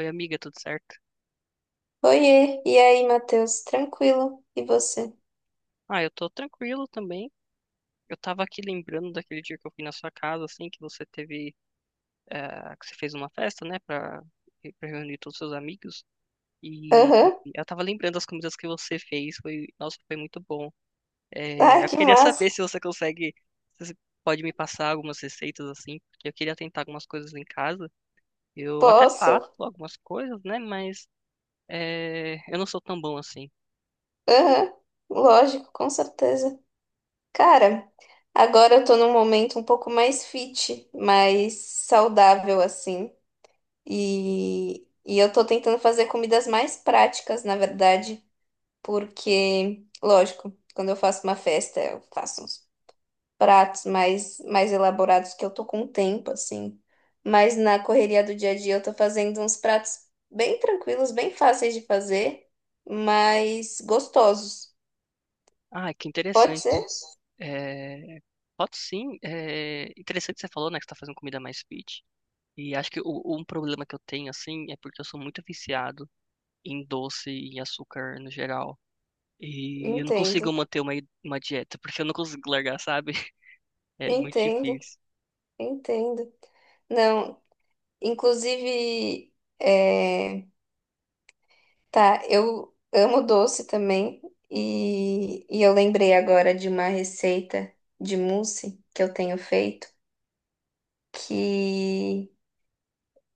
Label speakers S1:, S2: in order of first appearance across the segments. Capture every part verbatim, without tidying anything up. S1: Oi, amiga, tudo certo?
S2: Oiê, e aí, Matheus? Tranquilo? E você?
S1: Ah, eu tô tranquilo também. Eu tava aqui lembrando daquele dia que eu fui na sua casa, assim, que você teve, eh, que você fez uma festa, né, pra, pra reunir todos os seus amigos. E
S2: Aham.
S1: eu tava lembrando das comidas que você fez. Foi, nossa, foi muito bom. Eh,
S2: Ai,
S1: eu
S2: que
S1: queria saber
S2: massa.
S1: se você consegue, se você pode me passar algumas receitas, assim, porque eu queria tentar algumas coisas em casa. Eu até faço
S2: Posso?
S1: algumas coisas, né, mas eh, eu não sou tão bom assim.
S2: Aham. Lógico, com certeza. Cara, agora eu tô num momento um pouco mais fit, mais saudável, assim. E, e eu tô tentando fazer comidas mais práticas, na verdade, porque, lógico, quando eu faço uma festa, eu faço uns pratos mais, mais elaborados que eu tô com tempo, assim. Mas na correria do dia a dia eu tô fazendo uns pratos bem tranquilos, bem fáceis de fazer, mas gostosos.
S1: Ah, que
S2: Pode
S1: interessante.
S2: ser?
S1: Eh, Pode sim. É interessante que você falou, né, que você tá fazendo comida mais fit. E acho que o, um problema que eu tenho, assim, é porque eu sou muito viciado em doce e em açúcar no geral. E eu não consigo
S2: Entendo,
S1: manter uma, uma dieta, porque eu não consigo largar, sabe? É muito
S2: entendo,
S1: difícil.
S2: entendo. Não, inclusive, é, tá, eu amo doce também e, e eu lembrei agora de uma receita de mousse que eu tenho feito que...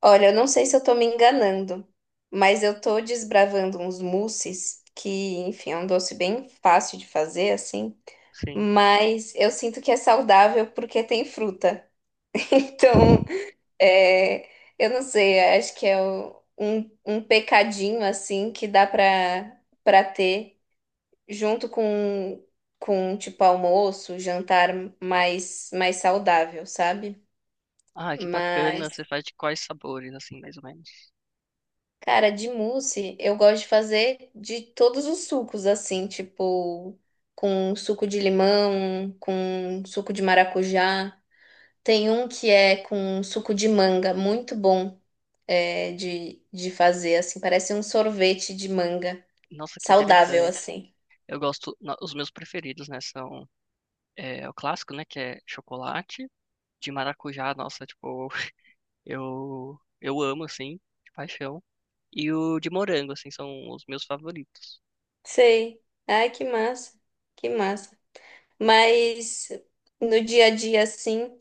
S2: Olha, eu não sei se eu tô me enganando, mas eu tô desbravando uns mousses, que, enfim, é um doce bem fácil de fazer, assim,
S1: Sim.
S2: mas eu sinto que é saudável porque tem fruta. Então, é, eu não sei, acho que é o- um, um pecadinho, assim, que dá pra, pra ter junto com, com, tipo, almoço, jantar mais, mais saudável, sabe?
S1: Ah, que bacana.
S2: Mas.
S1: Você faz de quais sabores, assim, mais ou menos?
S2: Cara, de mousse, eu gosto de fazer de todos os sucos, assim, tipo, com suco de limão, com suco de maracujá. Tem um que é com suco de manga, muito bom, é, de, de fazer, assim, parece um sorvete de manga,
S1: Nossa, que
S2: saudável,
S1: interessante.
S2: assim.
S1: Eu gosto, no- os meus preferidos, né, são é, o clássico, né, que é chocolate, de maracujá. Nossa, tipo, eu, eu amo, assim, de paixão. E o de morango, assim, são os meus favoritos.
S2: Sei. Ai, que massa, que massa. Mas no dia a dia, assim,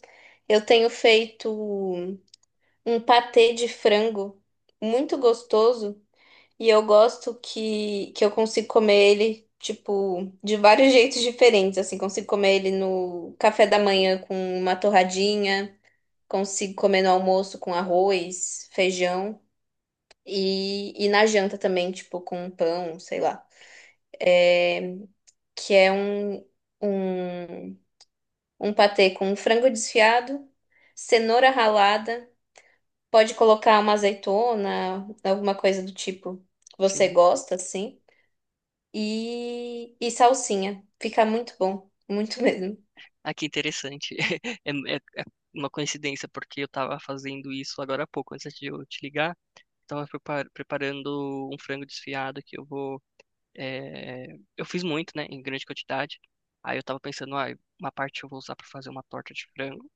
S2: eu tenho feito um patê de frango muito gostoso. E eu gosto que, que eu consigo comer ele, tipo, de vários jeitos diferentes. Assim, consigo comer ele no café da manhã com uma torradinha, consigo comer no almoço com arroz, feijão e, e na janta também, tipo, com um pão, sei lá. É, que é um, um, um patê com frango desfiado, cenoura ralada, pode colocar uma azeitona, alguma coisa do tipo que você
S1: Sim.
S2: gosta, assim. e, e salsinha. Fica muito bom, muito mesmo.
S1: Ah, que interessante. É, é- é uma coincidência, porque eu tava fazendo isso agora há pouco, antes de eu te ligar. Tava prepar- preparando um frango desfiado que eu vou. é, Eu fiz muito, né, em grande quantidade. Aí eu tava pensando, ah, uma parte eu vou usar pra fazer uma torta de frango,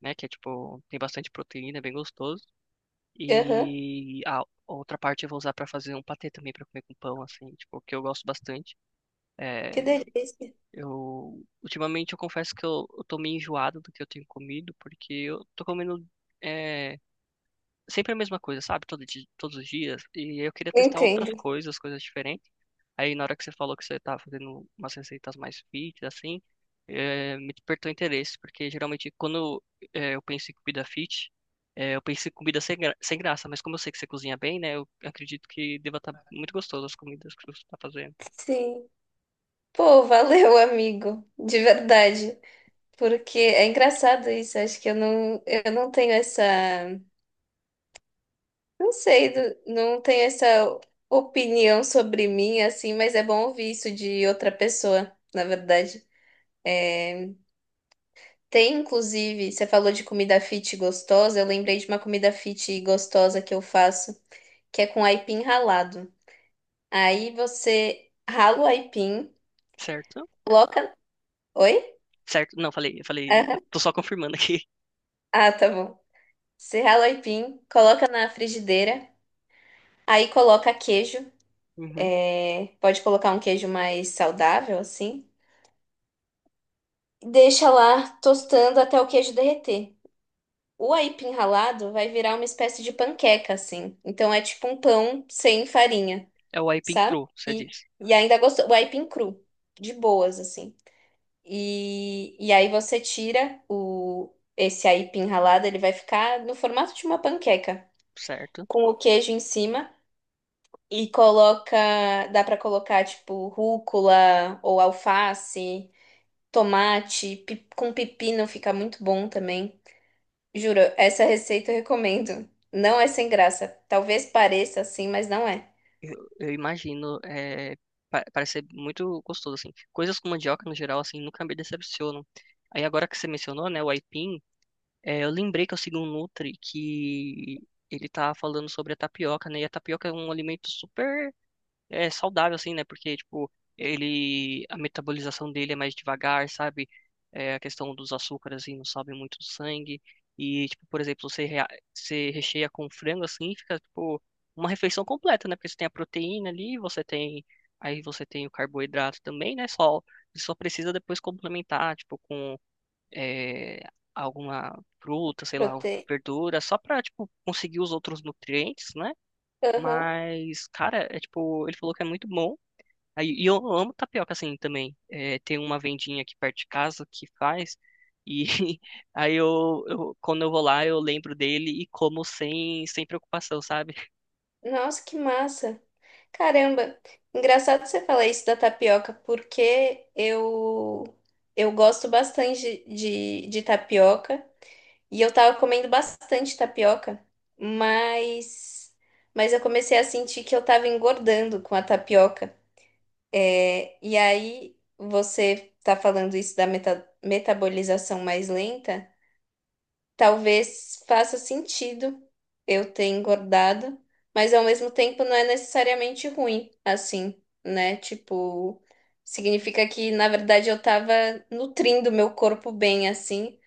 S1: né, que é tipo, tem bastante proteína, é bem gostoso.
S2: Aham.
S1: E a outra parte eu vou usar pra fazer um patê também, pra comer com pão, assim, tipo, que eu gosto bastante.
S2: Que
S1: Eh,
S2: delícia.
S1: Eu, ultimamente eu confesso que eu, eu tô meio enjoado do que eu tenho comido, porque eu tô comendo é, sempre a mesma coisa, sabe? Todo di- todos os dias. E eu queria testar outras
S2: Entendo.
S1: coisas, coisas diferentes. Aí na hora que você falou que você tá fazendo umas receitas mais fit, assim, é, me despertou interesse, porque geralmente quando é, eu penso em comida fit, é, eu penso em comida sem, gra- sem graça, mas como eu sei que você cozinha bem, né? Eu acredito que deva estar muito gostoso as comidas que você tá fazendo.
S2: Sim. Pô, valeu, amigo, de verdade. Porque é engraçado isso, acho que eu não, eu não tenho essa, não sei, do- não tenho essa opinião sobre mim, assim, mas é bom ouvir isso de outra pessoa, na verdade. Tem, inclusive, você falou de comida fit gostosa, eu lembrei de uma comida fit gostosa que eu faço, que é com aipim ralado. Aí você rala o aipim,
S1: Certo?
S2: coloca. Oi?
S1: Certo? Não, falei, falei, eu
S2: Aham.
S1: tô só confirmando aqui.
S2: Ah, tá bom. Você rala o aipim, coloca na frigideira, aí coloca queijo.
S1: Uhum.
S2: é, Pode colocar um queijo mais saudável, assim. Deixa lá tostando até o queijo derreter. O aipim ralado vai virar uma espécie de panqueca, assim. Então é tipo um pão sem farinha,
S1: É o aipim
S2: sabe?
S1: cru, você
S2: E,
S1: disse.
S2: e ainda gostoso. O aipim cru, de boas, assim. E, e aí você tira o, esse aipim ralado, ele vai ficar no formato de uma panqueca,
S1: Certo?
S2: com o queijo em cima e coloca, dá pra colocar tipo rúcula ou alface, tomate, pi- com pepino fica muito bom também. Juro, essa receita eu recomendo. Não é sem graça. Talvez pareça assim, mas não é.
S1: Eu imagino, é, pa- parece ser muito gostoso, assim. Coisas com mandioca, no geral, assim, nunca me decepcionam. Aí agora que você mencionou, né, o aipim, é, eu lembrei que eu sigo um Nutri que ele tá falando sobre a tapioca, né? E a tapioca é um alimento super é saudável, assim, né? Porque, tipo, ele, a metabolização dele é mais devagar, sabe? É, a questão dos açúcares, assim, não sobe muito do sangue. E, tipo, por exemplo, você, rea- você recheia com frango, assim, fica, tipo, uma refeição completa, né? Porque você tem a proteína ali, você tem, aí você tem o carboidrato também, né? Só, você só precisa depois complementar, tipo, com é, alguma fruta, sei lá,
S2: Prote...
S1: verdura, só pra, tipo, conseguir os outros nutrientes, né?
S2: Aham.
S1: Mas, cara, é tipo, ele falou que é muito bom. Aí, e eu amo tapioca assim também. É, tem uma vendinha aqui perto de casa que faz. E aí eu, eu- quando eu vou lá, eu lembro dele e como sem, sem preocupação, sabe?
S2: Nossa, que massa! Caramba, engraçado você falar isso da tapioca, porque eu eu gosto bastante de, de, de tapioca e eu tava comendo bastante tapioca, mas mas eu comecei a sentir que eu tava engordando com a tapioca. É, e aí você tá falando isso da meta- metabolização mais lenta. Talvez faça sentido eu ter engordado, mas ao mesmo tempo não é necessariamente ruim, assim, né? Tipo, significa que na verdade eu tava nutrindo meu corpo bem, assim.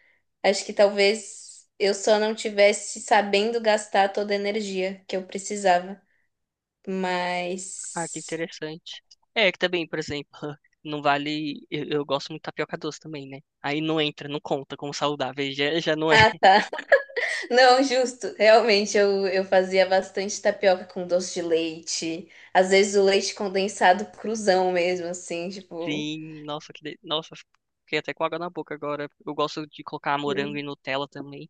S2: Acho que talvez eu só não tivesse sabendo gastar toda a energia que eu precisava, mas.
S1: Ah, que interessante. É, que também, por exemplo, não vale. Eu, eu gosto muito de tapioca doce também, né? Aí não entra, não conta como saudável, aí já, já não é.
S2: Ah, tá. Não, justo. Realmente, eu, eu fazia bastante tapioca com doce de leite. Às vezes o leite condensado cruzão mesmo, assim, tipo.
S1: Sim, nossa, que de... nossa, fiquei até com água na boca agora. Eu gosto de colocar morango e
S2: Sim.
S1: Nutella também.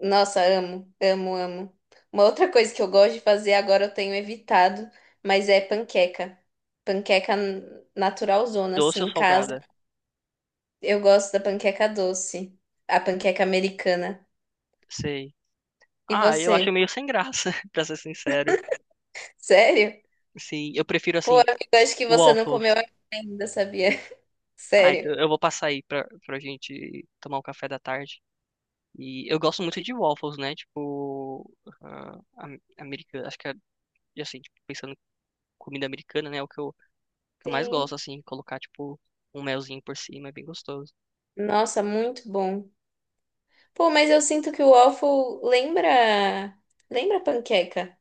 S2: Nossa, amo, amo, amo. Uma outra coisa que eu gosto de fazer agora eu tenho evitado, mas é panqueca. Panqueca naturalzona, assim,
S1: Doce ou
S2: em casa.
S1: salgada?
S2: Eu gosto da panqueca doce, a panqueca americana.
S1: Sei.
S2: E
S1: Ah, eu acho
S2: você?
S1: meio sem graça, pra ser sincero.
S2: Sério?
S1: Sim, eu prefiro
S2: Pô,
S1: assim,
S2: amigo, acho que você não comeu
S1: waffles.
S2: ainda, sabia?
S1: Ah,
S2: Sério.
S1: então eu vou passar aí pra, pra gente tomar um café da tarde. E eu gosto muito de waffles, né? Tipo, ah, am- americana, acho que é, assim, tipo, pensando em comida americana, né? É o que eu, que eu mais
S2: Sim.
S1: gosto, assim, colocar, tipo, um melzinho por cima, é bem gostoso.
S2: Nossa, muito bom. Pô, mas eu sinto que o waffle lembra. Lembra panqueca?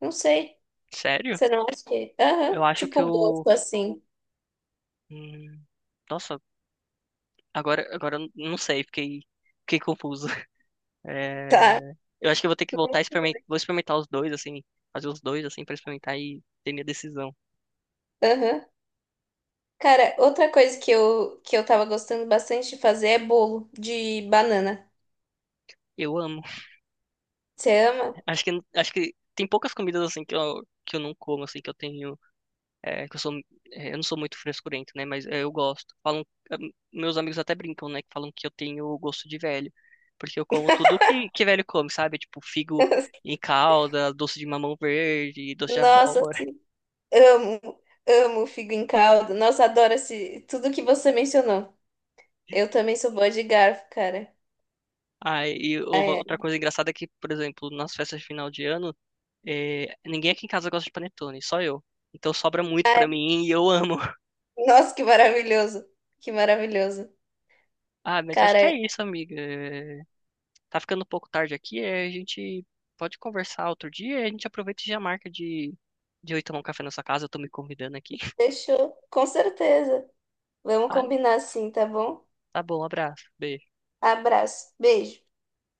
S2: Não sei.
S1: Sério?
S2: Você não acha que... Aham.
S1: Eu acho que
S2: Tipo o
S1: eu.
S2: gosto assim.
S1: hum, Nossa, agora, agora eu não sei, fiquei, fiquei confuso.
S2: Tá.
S1: É, Eu acho que eu vou ter que voltar a experimentar, vou experimentar os dois, assim, fazer os dois, assim, pra experimentar e ter minha decisão.
S2: Aham. Cara, outra coisa que eu, que eu tava gostando bastante de fazer é bolo de banana.
S1: Eu amo.
S2: Você ama?
S1: Acho que, acho que tem poucas comidas, assim, que eu, que eu não como, assim, que eu tenho, é, que eu sou, é, eu não sou muito frescurento, né, mas é, eu gosto. Falam, é, meus amigos até brincam, né, que falam que eu tenho gosto de velho, porque eu como tudo que, que velho come, sabe? Tipo, figo em calda, doce de mamão verde, doce de
S2: Nossa,
S1: abóbora.
S2: amo. Amo figo em caldo. Nossa, adoro esse, tudo que você mencionou. Eu também sou boa de garfo, cara.
S1: Ah, e uma-
S2: Ai,
S1: outra
S2: ai.
S1: coisa engraçada é que, por exemplo, nas festas de final de ano, é, ninguém aqui em casa gosta de panetone, só eu. Então sobra muito pra
S2: Ai,
S1: mim e eu amo.
S2: nossa, que maravilhoso. Que maravilhoso.
S1: Ah, mas acho que é
S2: Cara,
S1: isso, amiga. É, tá ficando um pouco tarde aqui, é, a gente pode conversar outro dia, a gente aproveita e já marca de, de eu ir tomar um café na sua casa, eu tô me convidando aqui.
S2: fechou. Com certeza. Vamos
S1: Ah,
S2: combinar sim, tá bom?
S1: tá bom, um abraço, beijo.
S2: Abraço. Beijo.